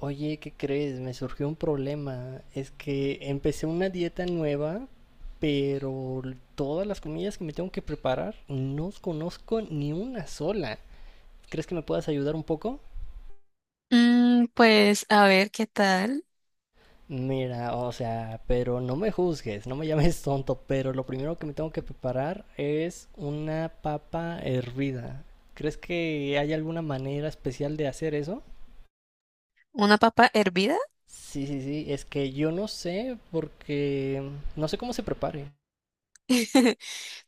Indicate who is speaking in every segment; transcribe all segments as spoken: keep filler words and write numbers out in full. Speaker 1: Oye, ¿qué crees? Me surgió un problema. Es que empecé una dieta nueva, pero todas las comidas que me tengo que preparar, no conozco ni una sola. ¿Crees que me puedas ayudar un poco?
Speaker 2: Mm, pues a ver qué tal.
Speaker 1: Mira, o sea, pero no me juzgues, no me llames tonto, pero lo primero que me tengo que preparar es una papa hervida. ¿Crees que hay alguna manera especial de hacer eso?
Speaker 2: ¿Una papa hervida?
Speaker 1: Sí, sí, sí, es que yo no sé porque no sé cómo se prepare.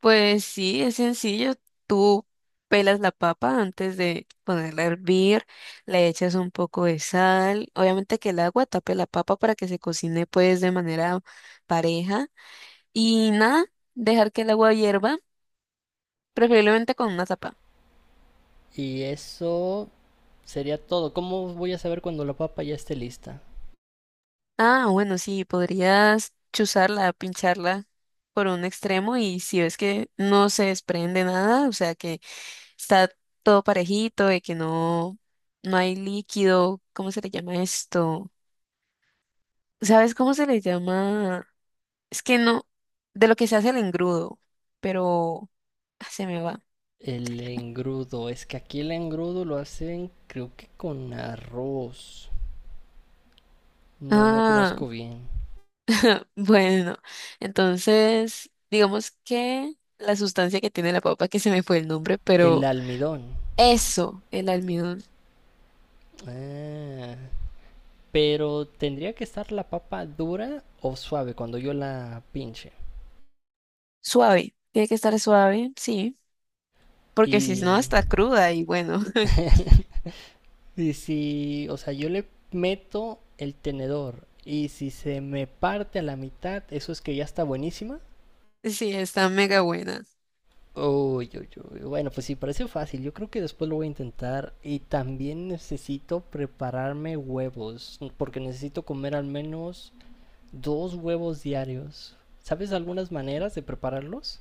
Speaker 2: Pues sí, es sencillo. Tú pelas la papa antes de ponerla a hervir, le echas un poco de sal, obviamente que el agua tape la papa para que se cocine pues de manera pareja y nada, dejar que el agua hierva, preferiblemente con una tapa.
Speaker 1: Y eso sería todo. ¿Cómo voy a saber cuando la papa ya esté lista?
Speaker 2: Ah, bueno, sí, podrías chuzarla, pincharla por un extremo y si ves que no se desprende nada, o sea que está todo parejito, de que no, no hay líquido, ¿cómo se le llama esto? ¿Sabes cómo se le llama? Es que no, de lo que se hace el engrudo, pero ah, se me va.
Speaker 1: El engrudo. Es que aquí el engrudo lo hacen creo que con arroz. No, no
Speaker 2: Ah,
Speaker 1: conozco bien.
Speaker 2: bueno, entonces, digamos que la sustancia que tiene la papa, que se me fue el nombre,
Speaker 1: El
Speaker 2: pero
Speaker 1: almidón.
Speaker 2: eso, el almidón,
Speaker 1: Ah, pero tendría que estar la papa dura o suave cuando yo la pinche.
Speaker 2: suave, tiene que estar suave, sí, porque si
Speaker 1: Y...
Speaker 2: no, está cruda y bueno,
Speaker 1: y si, o sea, yo le meto el tenedor y si se me parte a la mitad, eso es que ya está buenísima.
Speaker 2: sí, está mega buena.
Speaker 1: Uy, uy, uy. Bueno, pues sí, parece fácil. Yo creo que después lo voy a intentar. Y también necesito prepararme huevos, porque necesito comer al menos dos huevos diarios. ¿Sabes algunas maneras de prepararlos?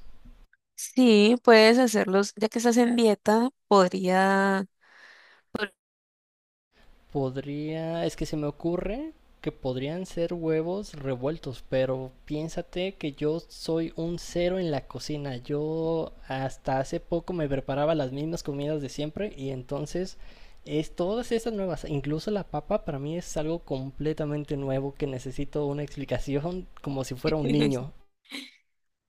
Speaker 2: Sí, puedes hacerlos, ya que estás en dieta, podría,
Speaker 1: Podría, es que se me ocurre que podrían ser huevos revueltos, pero piénsate que yo soy un cero en la cocina. Yo hasta hace poco me preparaba las mismas comidas de siempre y entonces es todas estas nuevas, incluso la papa para mí es algo completamente nuevo que necesito una explicación como si fuera un niño.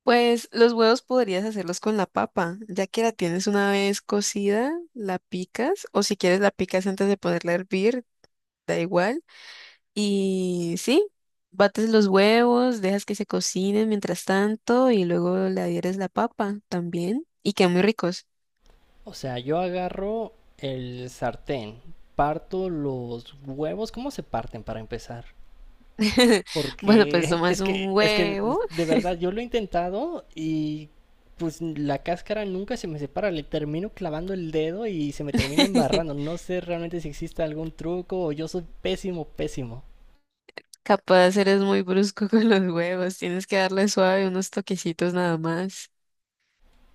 Speaker 2: pues los huevos podrías hacerlos con la papa, ya que la tienes una vez cocida, la picas, o si quieres la picas antes de ponerla a hervir, da igual. Y sí, bates los huevos, dejas que se cocinen mientras tanto y luego le adhieres la papa también y quedan muy ricos.
Speaker 1: O sea, yo agarro el sartén, parto los huevos, ¿cómo se parten para empezar?
Speaker 2: Bueno, pues
Speaker 1: Porque
Speaker 2: tomas
Speaker 1: es que,
Speaker 2: un
Speaker 1: es que
Speaker 2: huevo.
Speaker 1: de verdad yo lo he intentado y pues la cáscara nunca se me separa, le termino clavando el dedo y se me termina embarrando. No sé realmente si existe algún truco o yo soy pésimo, pésimo.
Speaker 2: Capaz eres muy brusco con los huevos, tienes que darle suave unos toquecitos nada más.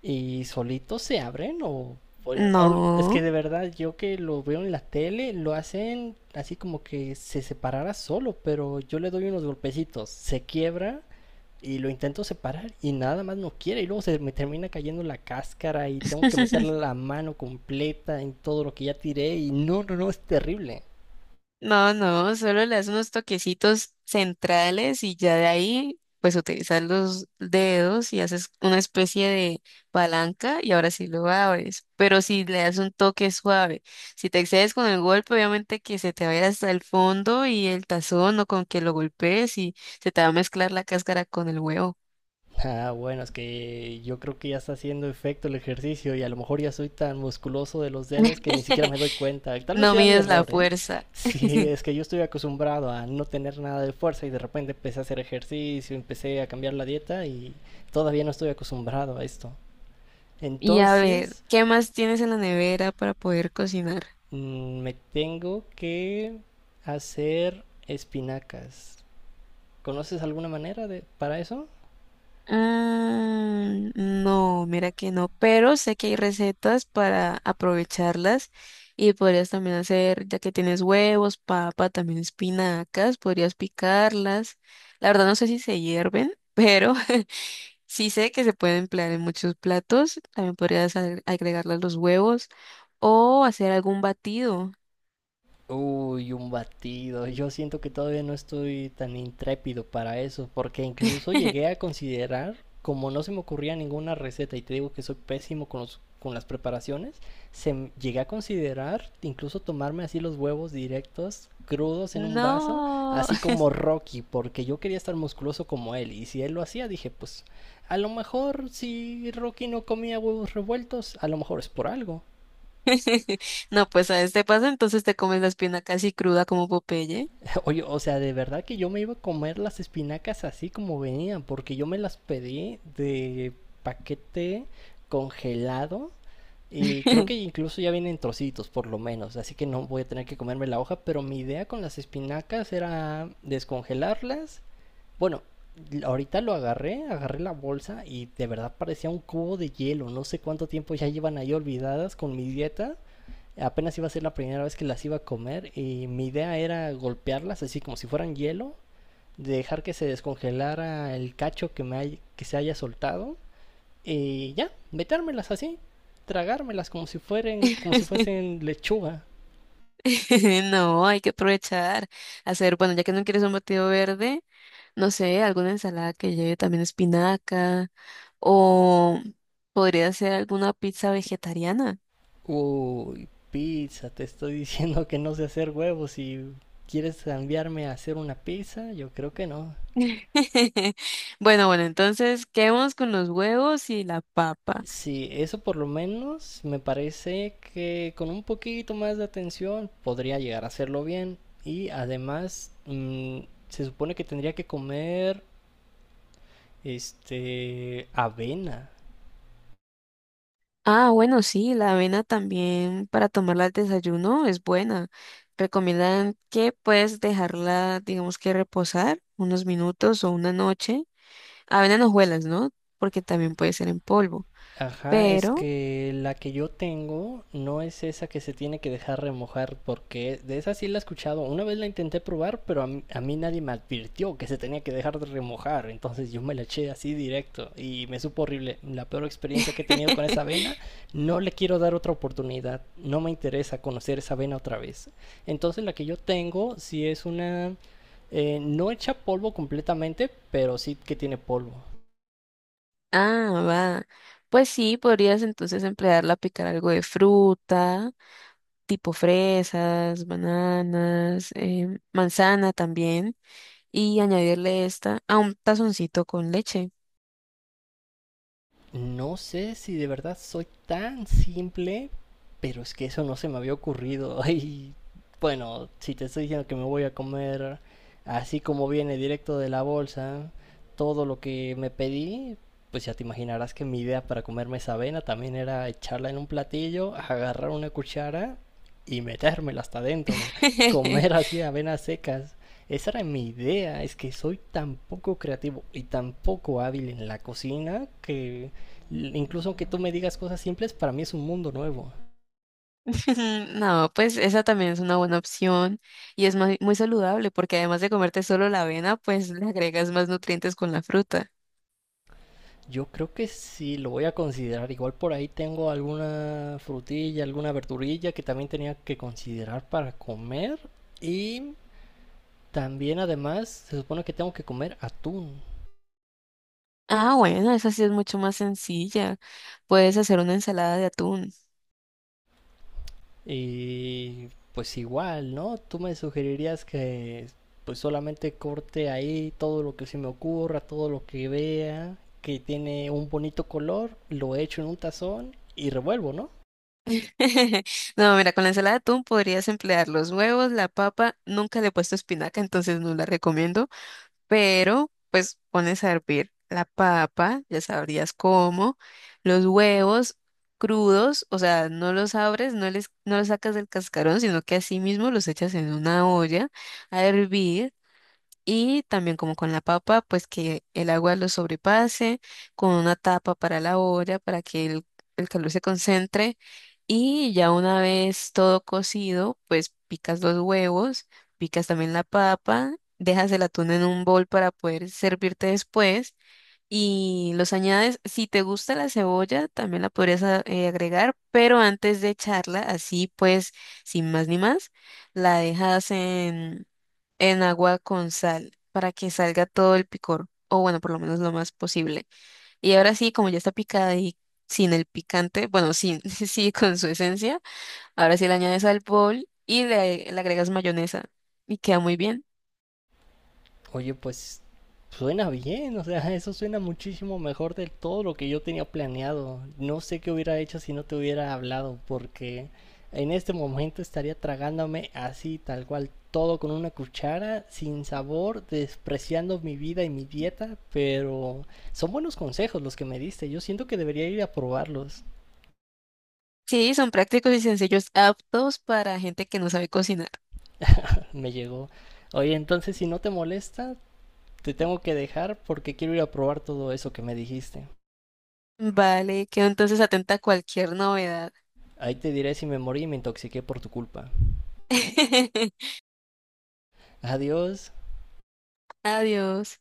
Speaker 1: Y solitos se abren o, o- o- es que
Speaker 2: No,
Speaker 1: de verdad yo que lo veo en la tele lo hacen así como que se separara solo, pero yo le doy unos golpecitos, se quiebra y lo intento separar y nada más no quiere. Y luego se me termina cayendo la cáscara y tengo que meterle la mano completa en todo lo que ya tiré. Y no, no, no, es terrible.
Speaker 2: no, no, solo le das unos toquecitos centrales y ya de ahí pues utilizas los dedos y haces una especie de palanca y ahora sí lo abres. Pero si le das un toque suave, si te excedes con el golpe, obviamente que se te va a ir hasta el fondo y el tazón o con que lo golpees y se te va a mezclar la cáscara con el huevo.
Speaker 1: Ah, bueno, es que yo creo que ya está haciendo efecto el ejercicio y a lo mejor ya soy tan musculoso de los dedos que ni siquiera me doy cuenta. Tal vez
Speaker 2: No
Speaker 1: sea mi
Speaker 2: mides la
Speaker 1: error, ¿eh?
Speaker 2: fuerza.
Speaker 1: Sí, es que yo estoy acostumbrado a no tener nada de fuerza y de repente empecé a hacer ejercicio, empecé a cambiar la dieta y todavía no estoy acostumbrado a esto.
Speaker 2: Y a ver,
Speaker 1: Entonces,
Speaker 2: ¿qué más tienes en la nevera para poder cocinar?
Speaker 1: Mm, Me tengo que hacer espinacas. ¿Conoces alguna manera de para eso?
Speaker 2: Mm, no, mira que no, pero sé que hay recetas para aprovecharlas y podrías también hacer, ya que tienes huevos, papa, también espinacas, podrías picarlas. La verdad no sé si se hierven, pero sí sé que se pueden emplear en muchos platos. También podrías agre- agregarle los huevos o hacer algún batido.
Speaker 1: Uy, un batido. Yo siento que todavía no estoy tan intrépido para eso, porque incluso llegué a considerar, como no se me ocurría ninguna receta, y te digo que soy pésimo con los, con las preparaciones, se m- llegué a considerar incluso tomarme así los huevos directos, crudos en un vaso,
Speaker 2: No.
Speaker 1: así como Rocky, porque yo quería estar musculoso como él, y si él lo hacía, dije, pues a lo mejor si Rocky no comía huevos revueltos, a lo mejor es por algo.
Speaker 2: No, pues a este paso entonces te comes la espina casi cruda como Popeye.
Speaker 1: Oye, o sea, de verdad que yo me iba a comer las espinacas así como venían, porque yo me las pedí de paquete congelado y creo que incluso ya vienen trocitos por lo menos, así que no voy a tener que comerme la hoja, pero mi idea con las espinacas era descongelarlas. Bueno, ahorita lo agarré, agarré la bolsa y de verdad parecía un cubo de hielo, no sé cuánto tiempo ya llevan ahí olvidadas con mi dieta. Apenas iba a ser la primera vez que las iba a comer y mi idea era golpearlas así como si fueran hielo, dejar que se descongelara el cacho que, me hay- que se haya soltado y ya, metérmelas así, tragármelas como si fueran, como si fuesen lechuga.
Speaker 2: No, hay que aprovechar. Hacer, bueno, ya que no quieres un batido verde, no sé, alguna ensalada que lleve también espinaca o podría ser alguna pizza vegetariana.
Speaker 1: Uy, pizza, te estoy diciendo que no sé hacer huevos y quieres enviarme a hacer una pizza, yo creo que no.
Speaker 2: Bueno, bueno, entonces quedemos con los huevos y la papa.
Speaker 1: Sí, eso por lo menos me parece que con un poquito más de atención podría llegar a hacerlo bien. Y además, mm, se supone que tendría que comer este avena.
Speaker 2: Ah, bueno, sí, la avena también para tomarla al desayuno es buena. Recomiendan que puedes dejarla, digamos que reposar unos minutos o una noche. Avena en hojuelas, ¿no? Porque también puede ser en polvo.
Speaker 1: Ajá, es
Speaker 2: Pero,
Speaker 1: que la que yo tengo no es esa que se tiene que dejar remojar, porque de esa sí la he escuchado. Una vez la intenté probar, pero a mí, a mí nadie me advirtió que se tenía que dejar de remojar, entonces yo me la eché así directo y me supo horrible. La peor experiencia que he tenido con esa avena, no le quiero dar otra oportunidad, no me interesa conocer esa avena otra vez. Entonces la que yo tengo sí es una, eh, no echa polvo completamente, pero sí que tiene polvo.
Speaker 2: ah, va. Pues sí, podrías entonces emplearla a picar algo de fruta, tipo fresas, bananas, em, manzana también, y añadirle esta a un tazoncito con leche.
Speaker 1: No sé si de verdad soy tan simple, pero es que eso no se me había ocurrido. Y bueno, si te estoy diciendo que me voy a comer así como viene directo de la bolsa, todo lo que me pedí, pues ya te imaginarás que mi idea para comerme esa avena también era echarla en un platillo, agarrar una cuchara y metérmela hasta adentro, comer así avenas secas. Esa era mi idea, es que soy tan poco creativo y tan poco hábil en la cocina que incluso aunque tú me digas cosas simples, para mí es un mundo nuevo.
Speaker 2: No, pues esa también es una buena opción y es muy, muy saludable porque además de comerte solo la avena, pues le agregas más nutrientes con la fruta.
Speaker 1: Yo creo que sí lo voy a considerar. Igual por ahí tengo alguna frutilla, alguna verdurilla que también tenía que considerar para comer. Y también además se supone que tengo que comer atún.
Speaker 2: Ah, bueno, Esa sí es mucho más sencilla. Puedes hacer una ensalada de atún.
Speaker 1: Y pues igual, ¿no? Tú me sugerirías que pues solamente corte ahí todo lo que se me ocurra, todo lo que vea, que tiene un bonito color, lo echo en un tazón y revuelvo, ¿no?
Speaker 2: No, mira, con la ensalada de atún podrías emplear los huevos, la papa. Nunca le he puesto espinaca, entonces no la recomiendo. Pero pues pones a hervir la papa, ya sabrías cómo, los huevos crudos, o sea, no los abres, no les, no los sacas del cascarón, sino que así mismo los echas en una olla a hervir. Y también como con la papa, pues que el agua lo sobrepase, con una tapa para la olla, para que el, el calor se concentre. Y ya una vez todo cocido, pues picas los huevos, picas también la papa, dejas el atún en un bol para poder servirte después y los añades. Si te gusta la cebolla, también la podrías a- eh, agregar, pero antes de echarla, así pues, sin más ni más, la dejas en, en agua con sal para que salga todo el picor, o bueno, por lo menos lo más posible. Y ahora sí, como ya está picada y sin el picante, bueno, sin, sí, con su esencia, ahora sí le añades al bol y le le agregas mayonesa y queda muy bien.
Speaker 1: Oye, pues suena bien, o sea, eso suena muchísimo mejor de todo lo que yo tenía planeado. No sé qué hubiera hecho si no te hubiera hablado, porque en este momento estaría tragándome así, tal cual, todo con una cuchara, sin sabor, despreciando mi vida y mi dieta, pero son buenos consejos los que me diste. Yo siento que debería ir a probarlos.
Speaker 2: Sí, son prácticos y sencillos, aptos para gente que no sabe cocinar.
Speaker 1: Me llegó. Oye, entonces si no te molesta, te tengo que dejar porque quiero ir a probar todo eso que me dijiste.
Speaker 2: Vale, quedo entonces atenta a cualquier novedad.
Speaker 1: Ahí te diré si me morí y me intoxiqué por tu culpa. Adiós.
Speaker 2: Adiós.